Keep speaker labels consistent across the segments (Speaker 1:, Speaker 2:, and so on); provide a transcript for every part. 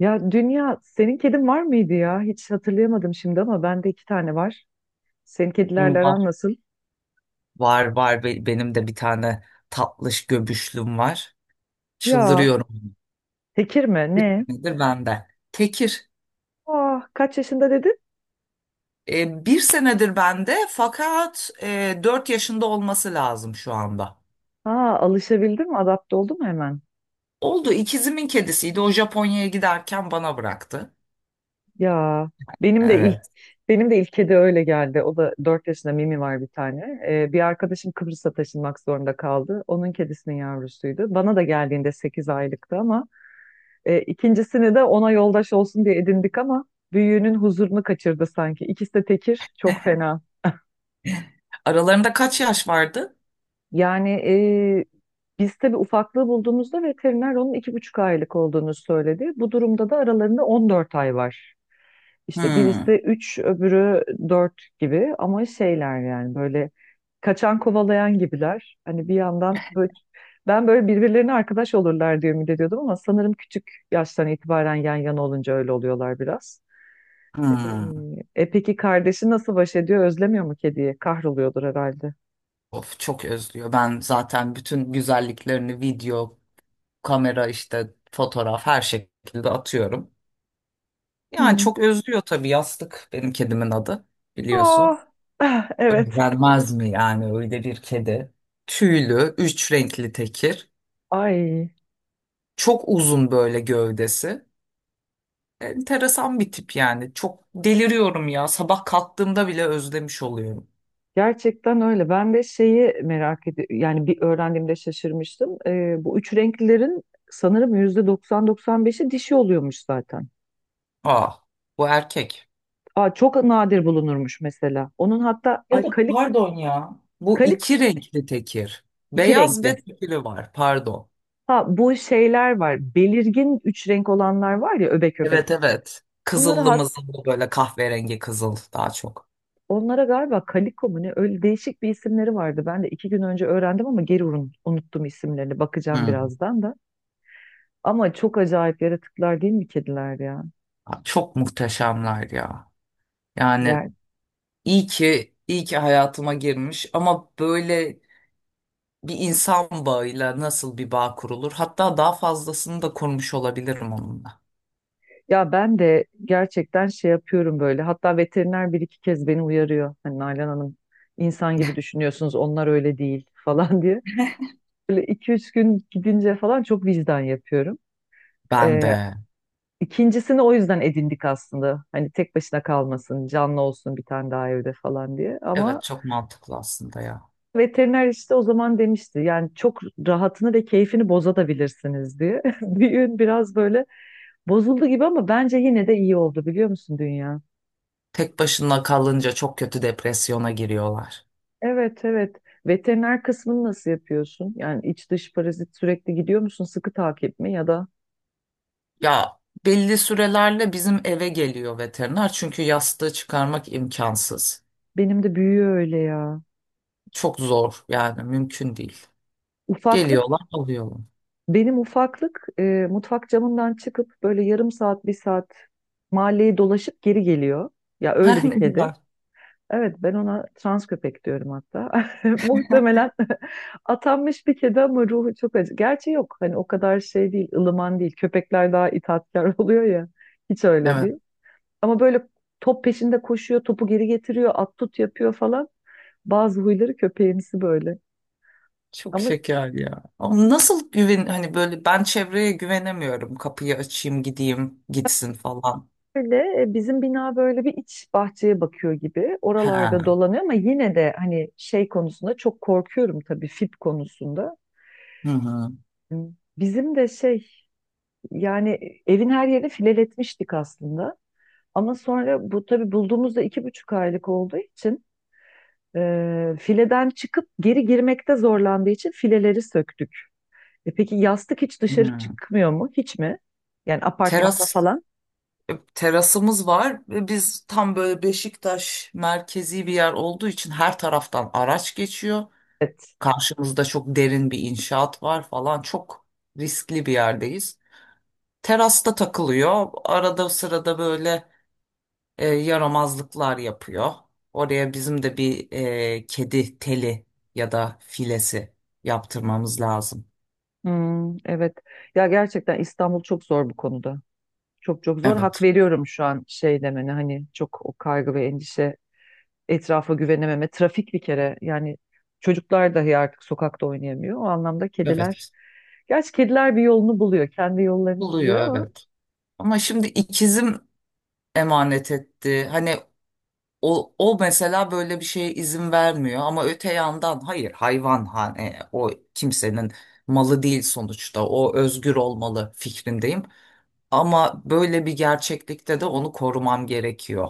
Speaker 1: Ya Dünya, senin kedin var mıydı ya? Hiç hatırlayamadım şimdi ama bende iki tane var. Senin kedilerle
Speaker 2: Var,
Speaker 1: aran nasıl?
Speaker 2: var, var. Benim de bir tane tatlış göbüşlüm var.
Speaker 1: Ya,
Speaker 2: Çıldırıyorum.
Speaker 1: tekir mi?
Speaker 2: Bir
Speaker 1: Ne?
Speaker 2: senedir bende. Tekir.
Speaker 1: Ah, kaç yaşında dedin?
Speaker 2: Bir senedir bende fakat 4 yaşında olması lazım şu anda.
Speaker 1: Ha, alışabildim mi? Adapte oldu mu hemen?
Speaker 2: Oldu, ikizimin kedisiydi. O Japonya'ya giderken bana bıraktı.
Speaker 1: Ya, benim de ilk
Speaker 2: Evet.
Speaker 1: benim de ilk kedi öyle geldi. O da 4 yaşında Mimi var bir tane. Bir arkadaşım Kıbrıs'a taşınmak zorunda kaldı. Onun kedisinin yavrusuydu. Bana da geldiğinde 8 aylıktı ama... ikincisini de ona yoldaş olsun diye edindik ama büyüğünün huzurunu kaçırdı sanki. İkisi de tekir, çok fena.
Speaker 2: Aralarında kaç yaş vardı?
Speaker 1: Yani biz tabii ufaklığı bulduğumuzda veteriner onun 2,5 aylık olduğunu söyledi. Bu durumda da aralarında 14 ay var. İşte
Speaker 2: Hmm.
Speaker 1: birisi 3, öbürü 4 gibi ama şeyler, yani böyle kaçan kovalayan gibiler. Hani bir yandan böyle ben böyle birbirlerine arkadaş olurlar diye ümit ediyordum ama sanırım küçük yaştan itibaren yan yana olunca öyle oluyorlar biraz. Ee,
Speaker 2: Hmm.
Speaker 1: E peki, kardeşi nasıl baş ediyor? Özlemiyor mu kediyi? Kahroluyordur herhalde.
Speaker 2: Of, çok özlüyor. Ben zaten bütün güzelliklerini video, kamera, işte fotoğraf, her şekilde atıyorum. Yani
Speaker 1: Hı.
Speaker 2: çok özlüyor tabii. Yastık benim kedimin adı, biliyorsun.
Speaker 1: Ah, ah, evet.
Speaker 2: Vermez mi yani öyle bir kedi? Tüylü, üç renkli tekir.
Speaker 1: Ay,
Speaker 2: Çok uzun böyle gövdesi. Enteresan bir tip yani. Çok deliriyorum ya. Sabah kalktığımda bile özlemiş oluyorum.
Speaker 1: gerçekten öyle. Ben de şeyi merak ediyorum. Yani bir öğrendiğimde şaşırmıştım. Bu üç renklilerin sanırım yüzde 90-95'i dişi oluyormuş zaten.
Speaker 2: Ah, bu erkek.
Speaker 1: Aa, çok nadir bulunurmuş mesela. Onun hatta,
Speaker 2: Ya
Speaker 1: ay,
Speaker 2: da
Speaker 1: kalik,
Speaker 2: pardon ya, bu
Speaker 1: kalik
Speaker 2: iki renkli tekir.
Speaker 1: iki
Speaker 2: Beyaz
Speaker 1: renkli.
Speaker 2: ve tekiri var, pardon.
Speaker 1: Ha, bu şeyler var. Belirgin üç renk olanlar var ya, öbek öbek.
Speaker 2: Evet, evet.
Speaker 1: Bunları
Speaker 2: Kızıllı mızıllı böyle, kahverengi kızıl daha çok.
Speaker 1: Onlara galiba Kaliko mu ne, öyle değişik bir isimleri vardı. Ben de iki gün önce öğrendim ama geri unuttum isimlerini. Bakacağım
Speaker 2: Hı.
Speaker 1: birazdan da. Ama çok acayip yaratıklar değil mi kediler ya?
Speaker 2: Abi, çok muhteşemler ya. Yani
Speaker 1: Yani,
Speaker 2: iyi ki hayatıma girmiş, ama böyle bir insan bağıyla nasıl bir bağ kurulur? Hatta daha fazlasını da kurmuş olabilirim onunla.
Speaker 1: ya ben de gerçekten şey yapıyorum böyle. Hatta veteriner bir iki kez beni uyarıyor. Hani Nalan Hanım, insan gibi düşünüyorsunuz, onlar öyle değil falan diye. Böyle iki üç gün gidince falan çok vicdan yapıyorum.
Speaker 2: Ben
Speaker 1: Ee,
Speaker 2: de.
Speaker 1: İkincisini o yüzden edindik aslında. Hani tek başına kalmasın, canlı olsun bir tane daha evde falan diye. Ama
Speaker 2: Evet, çok mantıklı aslında ya.
Speaker 1: veteriner işte o zaman demişti, yani çok rahatını ve keyfini bozabilirsiniz diye. Düğün biraz böyle bozuldu gibi ama bence yine de iyi oldu, biliyor musun dünya?
Speaker 2: Tek başına kalınca çok kötü depresyona giriyorlar.
Speaker 1: Evet, evet. Veteriner kısmını nasıl yapıyorsun? Yani iç dış parazit sürekli gidiyor musun? Sıkı takip mi ya da?
Speaker 2: Ya, belli sürelerle bizim eve geliyor veteriner, çünkü yastığı çıkarmak imkansız.
Speaker 1: Benim de büyüyor öyle ya.
Speaker 2: Çok zor yani, mümkün değil.
Speaker 1: Ufaklık,
Speaker 2: Geliyorlar, alıyorlar.
Speaker 1: benim ufaklık mutfak camından çıkıp böyle yarım saat bir saat mahalleyi dolaşıp geri geliyor. Ya, öyle bir
Speaker 2: Ne
Speaker 1: kedi.
Speaker 2: güzel.
Speaker 1: Evet, ben ona trans köpek diyorum hatta. Muhtemelen atanmış bir kedi ama ruhu çok acı. Gerçi yok, hani o kadar şey değil, ılıman değil. Köpekler daha itaatkar oluyor ya. Hiç öyle
Speaker 2: Evet.
Speaker 1: değil. Ama böyle top peşinde koşuyor, topu geri getiriyor, at tut yapıyor falan. Bazı huyları köpeğimsi böyle.
Speaker 2: Çok
Speaker 1: Ama
Speaker 2: şeker ya. Ama nasıl güven? Hani böyle, ben çevreye güvenemiyorum. Kapıyı açayım, gideyim, gitsin falan.
Speaker 1: böyle bizim bina böyle bir iç bahçeye bakıyor gibi. Oralarda
Speaker 2: Ha.
Speaker 1: dolanıyor ama yine de hani şey konusunda çok korkuyorum tabii, fit konusunda.
Speaker 2: Hı hı.
Speaker 1: Bizim de şey. Yani evin her yerini fileletmiştik aslında. Ama sonra bu, tabii bulduğumuzda 2,5 aylık olduğu için fileden çıkıp geri girmekte zorlandığı için fileleri söktük. E, peki yastık hiç dışarı
Speaker 2: Hı.
Speaker 1: çıkmıyor mu? Hiç mi? Yani apartmanda
Speaker 2: Teras
Speaker 1: falan?
Speaker 2: Terasımız var ve biz tam böyle Beşiktaş, merkezi bir yer olduğu için her taraftan araç geçiyor.
Speaker 1: Evet.
Speaker 2: Karşımızda çok derin bir inşaat var falan. Çok riskli bir yerdeyiz. Terasta takılıyor. Arada sırada böyle yaramazlıklar yapıyor. Oraya bizim de bir kedi teli ya da filesi yaptırmamız lazım.
Speaker 1: Hmm, evet. Ya, gerçekten İstanbul çok zor bu konuda. Çok çok zor. Hak
Speaker 2: Evet,
Speaker 1: veriyorum şu an şey demene, hani çok o kaygı ve endişe, etrafa güvenememe, trafik bir kere, yani çocuklar dahi artık sokakta oynayamıyor. O anlamda kediler,
Speaker 2: evet.
Speaker 1: gerçi kediler bir yolunu buluyor, kendi yollarını
Speaker 2: Buluyor,
Speaker 1: buluyor ama
Speaker 2: evet. Ama şimdi ikizim emanet etti. Hani o, o mesela böyle bir şeye izin vermiyor, ama öte yandan hayır, hayvan hani o kimsenin malı değil sonuçta. O özgür olmalı fikrindeyim. Ama böyle bir gerçeklikte de onu korumam gerekiyor.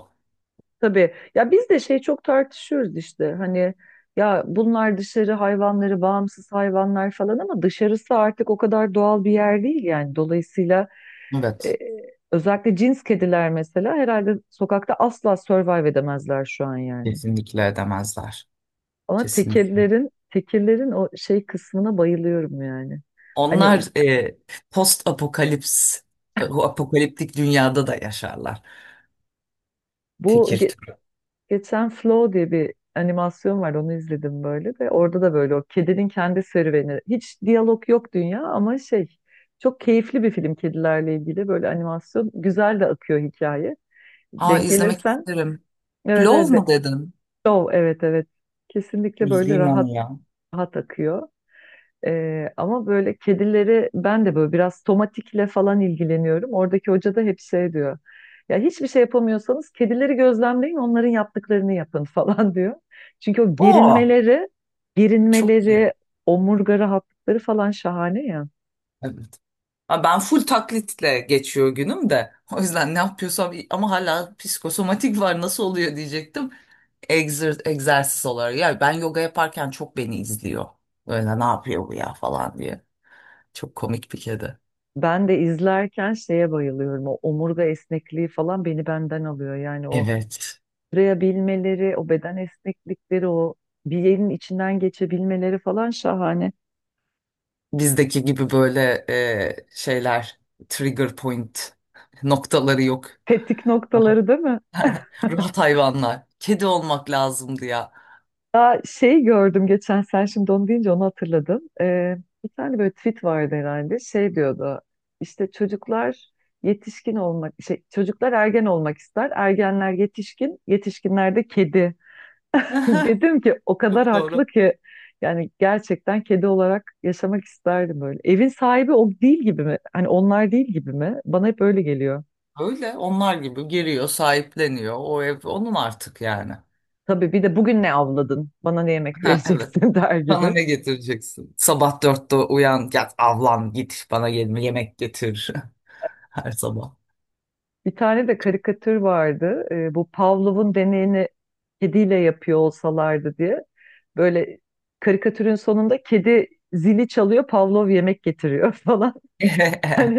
Speaker 1: tabii ya, biz de şey çok tartışıyoruz işte, hani ya bunlar dışarı hayvanları, bağımsız hayvanlar falan ama dışarısı artık o kadar doğal bir yer değil yani. Dolayısıyla e,
Speaker 2: Evet,
Speaker 1: özellikle cins kediler mesela herhalde sokakta asla survive edemezler şu an yani.
Speaker 2: kesinlikle edemezler.
Speaker 1: Ama
Speaker 2: Kesinlikle.
Speaker 1: tekellerin o şey kısmına bayılıyorum yani. Hani
Speaker 2: Onlar post apokalips, o apokaliptik dünyada da yaşarlar.
Speaker 1: bu
Speaker 2: Tekir
Speaker 1: ge-
Speaker 2: türü.
Speaker 1: geçen Flow diye bir animasyon var, onu izledim böyle de, orada da böyle o kedinin kendi serüveni. Hiç diyalog yok dünya ama şey, çok keyifli bir film, kedilerle ilgili böyle animasyon. Güzel de akıyor hikaye.
Speaker 2: Aa,
Speaker 1: Denk
Speaker 2: izlemek
Speaker 1: gelirsen
Speaker 2: isterim.
Speaker 1: evet,
Speaker 2: Plov
Speaker 1: evet,
Speaker 2: mu dedin?
Speaker 1: Flow, evet, evet, kesinlikle böyle
Speaker 2: İzleyeyim
Speaker 1: rahat
Speaker 2: onu ya.
Speaker 1: rahat akıyor. Ama böyle kedileri ben de böyle biraz tomatikle falan ilgileniyorum. Oradaki hoca da hep şey diyor. Ya hiçbir şey yapamıyorsanız kedileri gözlemleyin, onların yaptıklarını yapın falan diyor. Çünkü o
Speaker 2: Oo,
Speaker 1: gerinmeleri,
Speaker 2: çok iyi.
Speaker 1: gerinmeleri, omurga rahatlıkları falan şahane ya.
Speaker 2: Evet. Ha, ben full taklitle geçiyor günüm de. O yüzden ne yapıyorsam, ama hala psikosomatik var, nasıl oluyor diyecektim. Egzersiz olarak. Ya ben yoga yaparken çok beni izliyor. Böyle, ne yapıyor bu ya falan diye. Çok komik bir kedi.
Speaker 1: Ben de izlerken şeye bayılıyorum. O omurga esnekliği falan beni benden alıyor. Yani o
Speaker 2: Evet.
Speaker 1: sürebilmeleri, o beden esneklikleri, o bir yerin içinden geçebilmeleri falan şahane.
Speaker 2: Bizdeki gibi böyle şeyler, trigger point noktaları yok.
Speaker 1: Tetik
Speaker 2: Rahat.
Speaker 1: noktaları, değil mi?
Speaker 2: Rahat hayvanlar. Kedi olmak lazımdı ya.
Speaker 1: Ya şey gördüm geçen, sen şimdi onu deyince onu hatırladım. Bir tane böyle tweet vardı herhalde. Şey diyordu. İşte çocuklar yetişkin olmak, şey, çocuklar ergen olmak ister. Ergenler yetişkin, yetişkinler de kedi. Dedim ki o kadar
Speaker 2: Çok
Speaker 1: haklı
Speaker 2: doğru.
Speaker 1: ki, yani gerçekten kedi olarak yaşamak isterdim böyle. Evin sahibi o değil gibi mi? Hani onlar değil gibi mi? Bana hep öyle geliyor.
Speaker 2: Öyle, onlar gibi giriyor, sahipleniyor. O ev onun artık yani.
Speaker 1: Tabii bir de bugün ne avladın? Bana ne yemek
Speaker 2: Ha, evet.
Speaker 1: vereceksin der
Speaker 2: Bana
Speaker 1: gibi.
Speaker 2: ne getireceksin? Sabah 4'te uyan, yat, avlan, git, bana gelme, yemek getir her sabah.
Speaker 1: Bir tane de karikatür vardı. Bu Pavlov'un deneyini kediyle yapıyor olsalardı diye. Böyle karikatürün sonunda kedi zili çalıyor, Pavlov yemek getiriyor falan.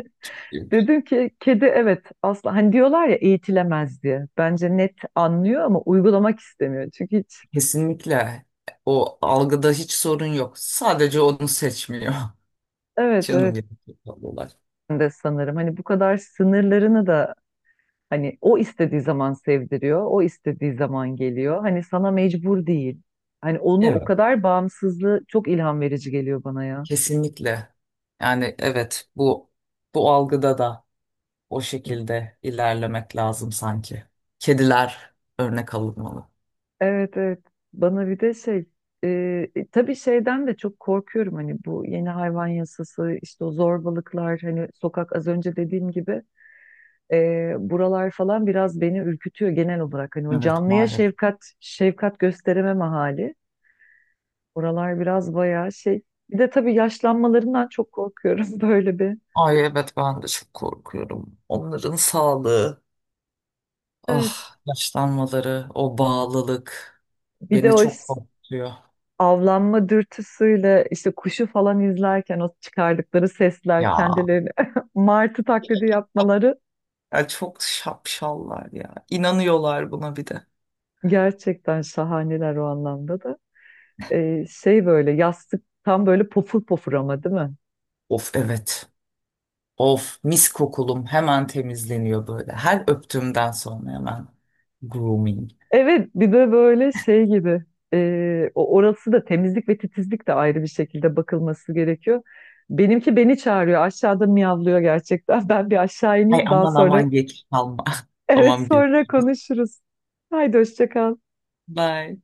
Speaker 1: Dedim ki kedi, evet asla, hani diyorlar ya eğitilemez diye. Bence net anlıyor ama uygulamak istemiyor. Çünkü hiç
Speaker 2: Kesinlikle, o algıda hiç sorun yok. Sadece onu seçmiyor.
Speaker 1: evet,
Speaker 2: Canım
Speaker 1: evet,
Speaker 2: benim, çok tatlılar.
Speaker 1: ben de sanırım hani bu kadar sınırlarını da, hani o istediği zaman sevdiriyor, o istediği zaman geliyor. Hani sana mecbur değil. Hani onu, o
Speaker 2: Evet,
Speaker 1: kadar bağımsızlığı çok ilham verici geliyor bana ya.
Speaker 2: kesinlikle. Yani evet, bu bu algıda da o şekilde ilerlemek lazım sanki. Kediler örnek alınmalı.
Speaker 1: Evet, evet. Bana bir de şey, tabii şeyden de çok korkuyorum, hani bu yeni hayvan yasası, işte o zorbalıklar, hani sokak az önce dediğim gibi buralar falan biraz beni ürkütüyor genel olarak. Hani o
Speaker 2: Evet,
Speaker 1: canlıya
Speaker 2: maalesef.
Speaker 1: şefkat şefkat gösterememe hali. Oralar biraz bayağı şey. Bir de tabii yaşlanmalarından çok korkuyorum böyle bir.
Speaker 2: Ay evet, ben de çok korkuyorum. Onların sağlığı,
Speaker 1: Evet.
Speaker 2: ah, yaşlanmaları, o bağlılık
Speaker 1: Bir de
Speaker 2: beni
Speaker 1: o
Speaker 2: çok korkutuyor.
Speaker 1: avlanma dürtüsüyle işte kuşu falan izlerken o çıkardıkları sesler,
Speaker 2: Ya,
Speaker 1: kendilerini martı taklidi yapmaları
Speaker 2: ya çok şapşallar ya. İnanıyorlar buna bir de.
Speaker 1: gerçekten şahaneler o anlamda da. Şey, böyle yastık tam böyle pofur pofur ama, değil mi?
Speaker 2: Of, evet. Of, mis kokulum hemen temizleniyor böyle. Her öptüğümden sonra hemen grooming.
Speaker 1: Evet, bir de böyle şey gibi, o orası da temizlik ve titizlik de ayrı bir şekilde bakılması gerekiyor. Benimki beni çağırıyor, aşağıda miyavlıyor gerçekten ben bir aşağı
Speaker 2: Ay,
Speaker 1: ineyim, daha
Speaker 2: aman
Speaker 1: sonra
Speaker 2: aman, geç kalma.
Speaker 1: evet
Speaker 2: Tamam gibi.
Speaker 1: sonra konuşuruz. Haydi, hoşça kal.
Speaker 2: Bye.